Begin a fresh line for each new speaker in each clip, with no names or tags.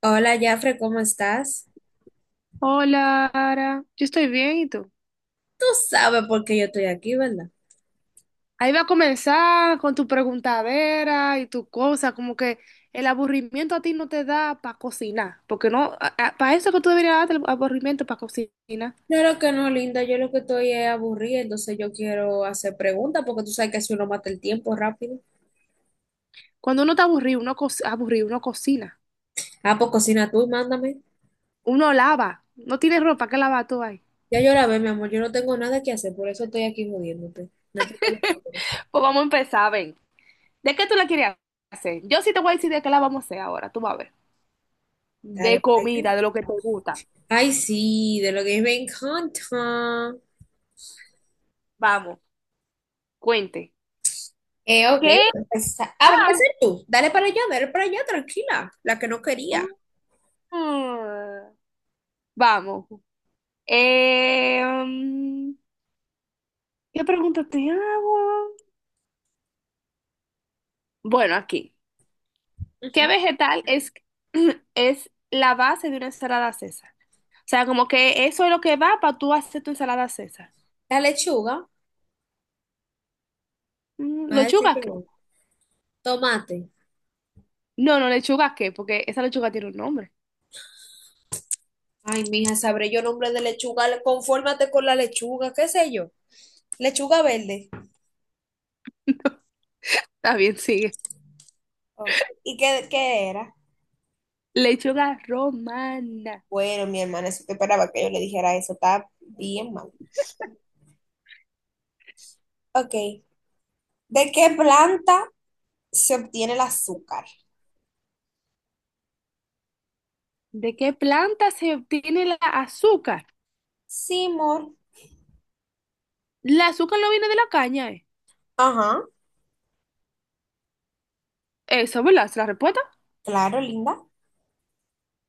Hola, Jafre, ¿cómo estás?
Hola, Ara. Yo estoy bien, ¿y tú?
¿Sabe por qué yo estoy aquí, verdad?
Ahí va a comenzar con tu preguntadera y tu cosa, como que el aburrimiento a ti no te da para cocinar, porque no, para eso que tú deberías darte el aburrimiento para cocinar.
Claro que no, linda, yo lo que estoy es aburrida, entonces yo quiero hacer preguntas porque tú sabes que si uno mata el tiempo rápido.
Cuando uno está aburrido, aburrido, uno cocina,
Ah, pues cocina tú y mándame.
uno lava, no tienes ropa, ¿qué lava tú ahí?
Ya yo la ve, mi amor, yo no tengo nada que hacer, por eso estoy aquí jodiéndote. No es porque yo quiero.
Pues vamos a empezar, ven. ¿De qué tú la querías hacer? Yo sí te voy a decir de qué la vamos a hacer ahora, tú vas a ver.
Dale,
De
pa' allá.
comida, de lo que te gusta.
Ay, sí, de lo que me encanta.
Vamos, cuente.
Ok, voy
¿Qué?
a empezar. Ah, va a
Ah,
empezar tú. Dale para allá, tranquila, la que no quería.
mm. Vamos. Em, ¿Qué pregunta te hago? Bueno, aquí.
Ujú.
¿Qué vegetal es, es la base de una ensalada César? O sea, como que eso es lo que va para tú hacer tu ensalada César.
La lechuga,
Mm,
va a decir
¿lechuga
que
qué?
no. Tomate.
No, no, lechuga qué, porque esa lechuga tiene un nombre.
Ay, mija, sabré yo nombre de lechuga. Confórmate con la lechuga, qué sé yo. Lechuga verde.
Está bien, sigue.
Oh, ¿Y qué era?
Lechuga romana.
Bueno, mi hermana, eso te esperaba que yo le dijera eso. Está bien mal. Ok. ¿De qué planta se obtiene el azúcar?
¿De qué planta se obtiene la azúcar?
Sí, amor.
La azúcar no viene de la caña, ¿eh?
Ajá.
Eso, ¿verdad? ¿Es la respuesta?
Claro, linda.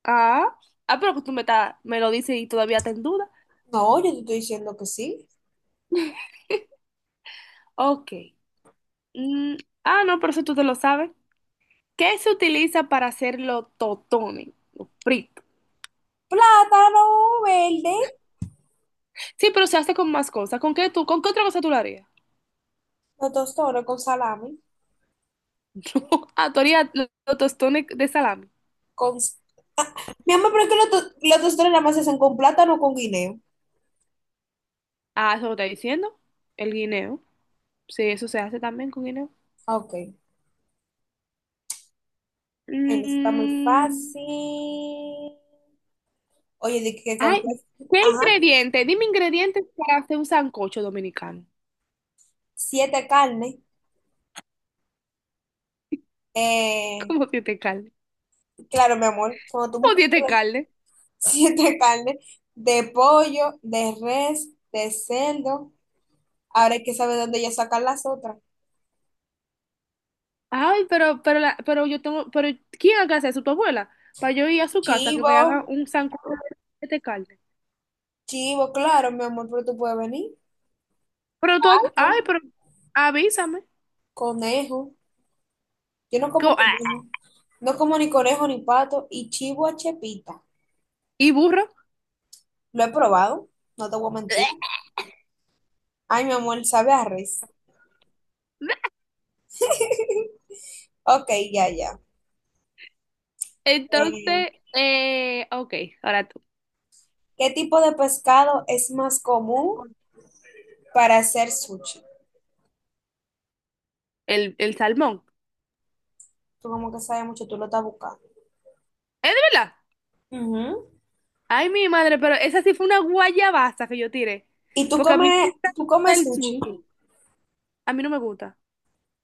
Ah, ah, pero que me lo dices y todavía está en duda.
No, yo te estoy diciendo que sí.
Ok. Mm, ah, no, pero eso tú te lo sabes. ¿Qué se utiliza para hacer los totones? Los fritos.
Plátano verde.
Sí, pero se hace con más cosas. ¿Con qué tú, con qué otra cosa tú lo harías?
Los tostones con salami.
No, ah, tú harías los tostones de salami.
Con... Ah, mi amor, pero es que los tostones nada más se hacen con plátano o con guineo.
Ah, eso lo está diciendo. El guineo. Sí, eso se hace también con guineo.
Ah, Ok. Ay, no está muy
Mm,
fácil. Oye, de que con
ay,
qué,
¿qué
ajá,
ingrediente? Dime ingredientes para hacer un sancocho dominicano.
siete carnes. Eh,
¿Cómo tiene carne?
claro, mi amor, cuando tú me
¿Cómo tiene
compras
carne?
siete carnes de pollo, de res, de cerdo, ahora hay que saber dónde ya sacar las otras.
Ay, pero yo tengo, pero ¿quién haga eso? ¿Tu abuela? Para yo ir a su casa, que me
Chivo,
haga un sancocho de carne.
chivo, claro, mi amor, pero tú puedes venir. Pato,
Ay, pero avísame.
conejo. Yo no como
Ah,
conejo. No como ni conejo ni pato. Y chivo a chepita.
y burro.
Lo he probado, no te voy a mentir. Ay, mi amor, sabe a res. Ok, ya, ya. Eh,
Entonces, ok, ahora tú.
¿Qué tipo de pescado es más común para hacer sushi?
El salmón.
Tú como que sabes mucho, tú lo estás buscando.
¿Es de verdad?
Ujú.
Ay, mi madre, pero esa sí fue una guayabaza que yo tiré.
¿Y tú
Porque a mí sí
comes,
me
tú
gusta
comes
el
sushi?
sushi. A mí no me gusta.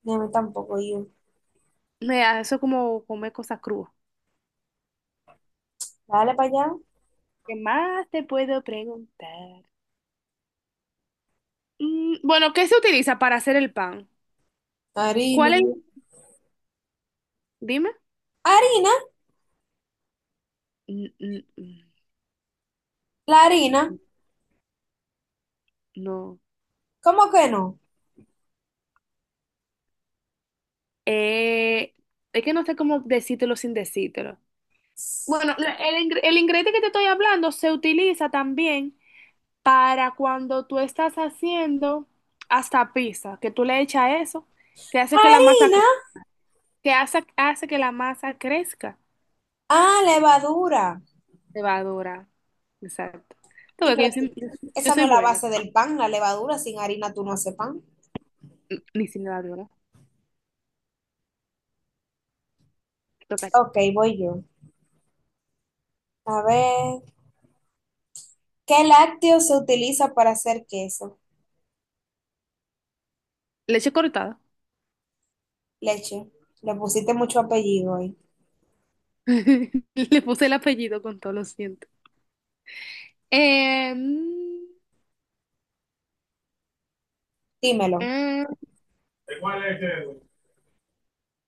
No, a mí tampoco, yo.
Me da eso como comer cosas crudas.
Dale para allá.
¿Qué más te puedo preguntar? Mm, bueno, ¿qué se utiliza para hacer el pan?
Harina.
¿Cuál es? Dime.
¿Harina?
N- n- n-
¿La harina?
No.
¿Cómo que no?
Eh, es que no sé cómo decírtelo sin decírtelo. Bueno, el ingrediente que te estoy hablando se utiliza también para cuando tú estás haciendo hasta pizza, que tú le echas eso, que hace que la masa,
¿Harina?
cre- que hace, hace que la masa crezca.
Ah, levadura.
Cebadora. Exacto. Tú
Sí,
ves que
pero
yo
esa no
soy
es la
buena.
base del pan, la levadura. Sin harina tú no haces pan.
Ni sin levadura. Toca-
Ok, voy yo. A ver, ¿qué lácteo se utiliza para hacer queso?
Leche cortada.
Leche, le pusiste mucho apellido ahí.
Le puse el apellido con todo, lo siento. Mm,
Dímelo.
eh,
¿De cuál es ese?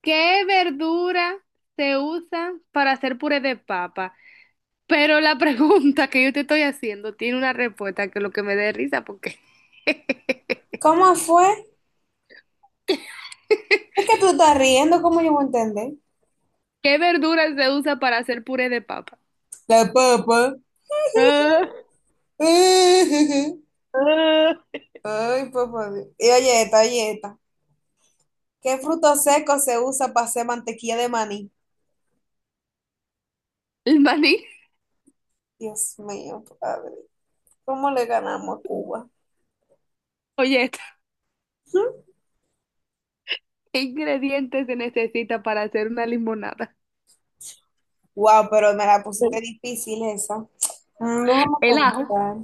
¿qué verdura se usa para hacer puré de papa? Pero la pregunta que yo te estoy haciendo tiene una respuesta que lo que me dé risa porque
¿Cómo fue? Es que tú estás riendo, ¿cómo yo voy a entender?
¿qué verdura se usa para hacer puré de papa?
La papa.
Ah, ah.
Ay, papá. Y oye esta, oye esta. ¿Qué fruto seco se usa para hacer mantequilla de maní?
El maní.
Dios mío, padre. ¿Cómo le ganamos a Cuba?
Oye, esta, ¿qué ingredientes se necesita para hacer una limonada?
Wow, pero me la pusiste difícil esa. Déjame
El ajo.
pensar.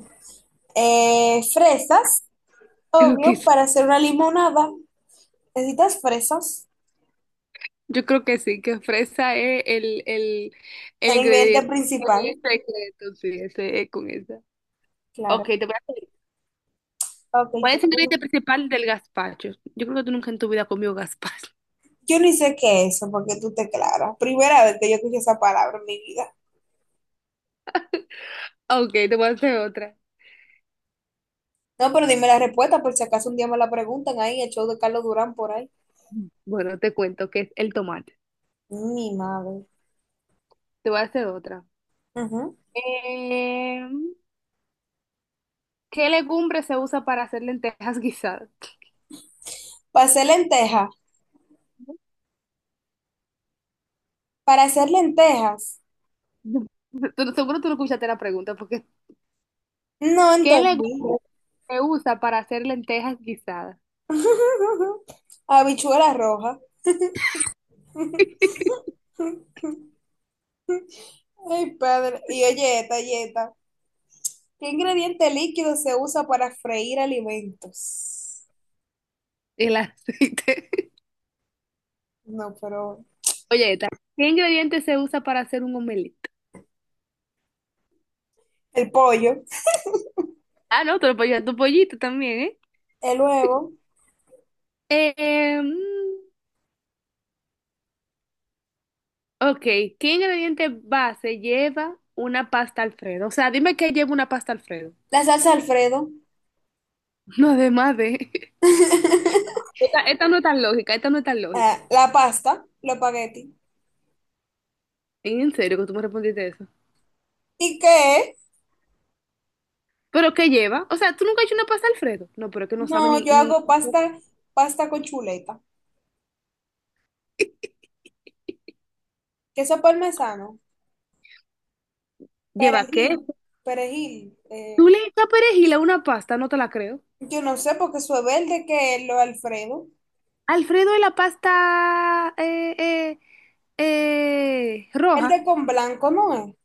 Fresas,
Creo que
obvio,
sí.
para hacer una limonada. Necesitas fresas,
Yo creo que sí, que fresa es el
el ingrediente
ingrediente
principal,
secreto, sí, ese es con esa. Ok,
claro.
te voy a pedir.
Ok,
¿Cuál es el ingrediente principal del gazpacho? Yo creo que tú nunca en tu vida has comido gazpacho.
yo ni sé qué es eso, porque tú te claras. Primera vez que yo escuché esa palabra en mi vida.
Ok, te voy a hacer otra.
No, pero dime la respuesta, por si acaso un día me la preguntan ahí, el show de Carlos Durán por ahí.
Bueno, te cuento que es el tomate.
Mi madre.
Te voy a hacer otra.
Ujú.
Eh, ¿Qué legumbre se usa para hacer lentejas guisadas?
Para hacer lentejas, para hacer lentejas.
No. Seguro tú no escuchaste la pregunta, porque
No
¿qué
entendí.
legumbre se usa para hacer lentejas guisadas?
Habichuela roja. Ay, padre. Y oye, esta, y esta. ¿Qué ingrediente líquido se usa para freír alimentos?
El aceite.
No, pero
Oye, ¿qué ingrediente se usa para hacer un omelette?
el pollo,
Ah, no, te lo puedes llevar tu pollito también, ¿eh?
el huevo,
Mm, ok, ¿qué ingrediente base lleva una pasta Alfredo? O sea, dime qué lleva una pasta Alfredo.
la salsa Alfredo,
No, además de... Esta no es tan lógica, esta no es tan
ah,
lógica.
la pasta, los espagueti.
¿En serio que tú me respondiste eso?
¿Y qué?
¿Pero qué lleva? O sea, ¿tú nunca has hecho una pasta Alfredo? No, pero es que no sabe
No,
ni...
yo
ni...
hago pasta, pasta con chuleta, queso parmesano,
¿Lleva qué?
perejil, perejil.
¿Tú
eh,
le echas perejil a una pasta? No te la creo.
yo no sé porque eso es verde que es lo Alfredo.
Alfredo de la pasta
El
roja.
de con blanco, ¿no es?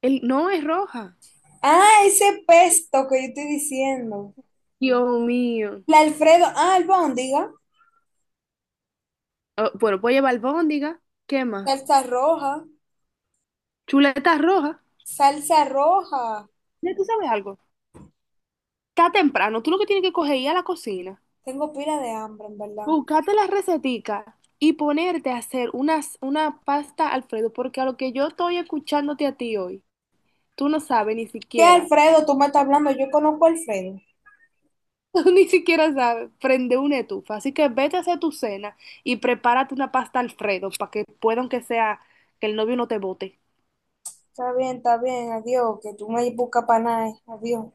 El, no es roja.
Ah, ese pesto que yo estoy diciendo.
Dios mío.
La Alfredo, ah, albóndiga.
Oh, bueno, puedo llevar albóndiga. ¿Qué más?
Salsa roja,
Chuletas rojas.
salsa roja.
Ya tú sabes algo. Está temprano. Tú lo que tienes que coger es ir a la cocina.
Tengo pila de hambre, en verdad.
Buscarte las receticas y ponerte a hacer una pasta Alfredo. Porque a lo que yo estoy escuchándote a ti hoy, tú no sabes ni
¿Qué
siquiera
Alfredo? Tú me estás hablando, yo conozco a Alfredo.
tú ni siquiera sabes, prende una estufa. Así que vete a hacer tu cena y prepárate una pasta Alfredo para que pueda, aunque sea, que el novio no te bote.
Está bien, adiós, que tú me buscas para nada, eh. Adiós.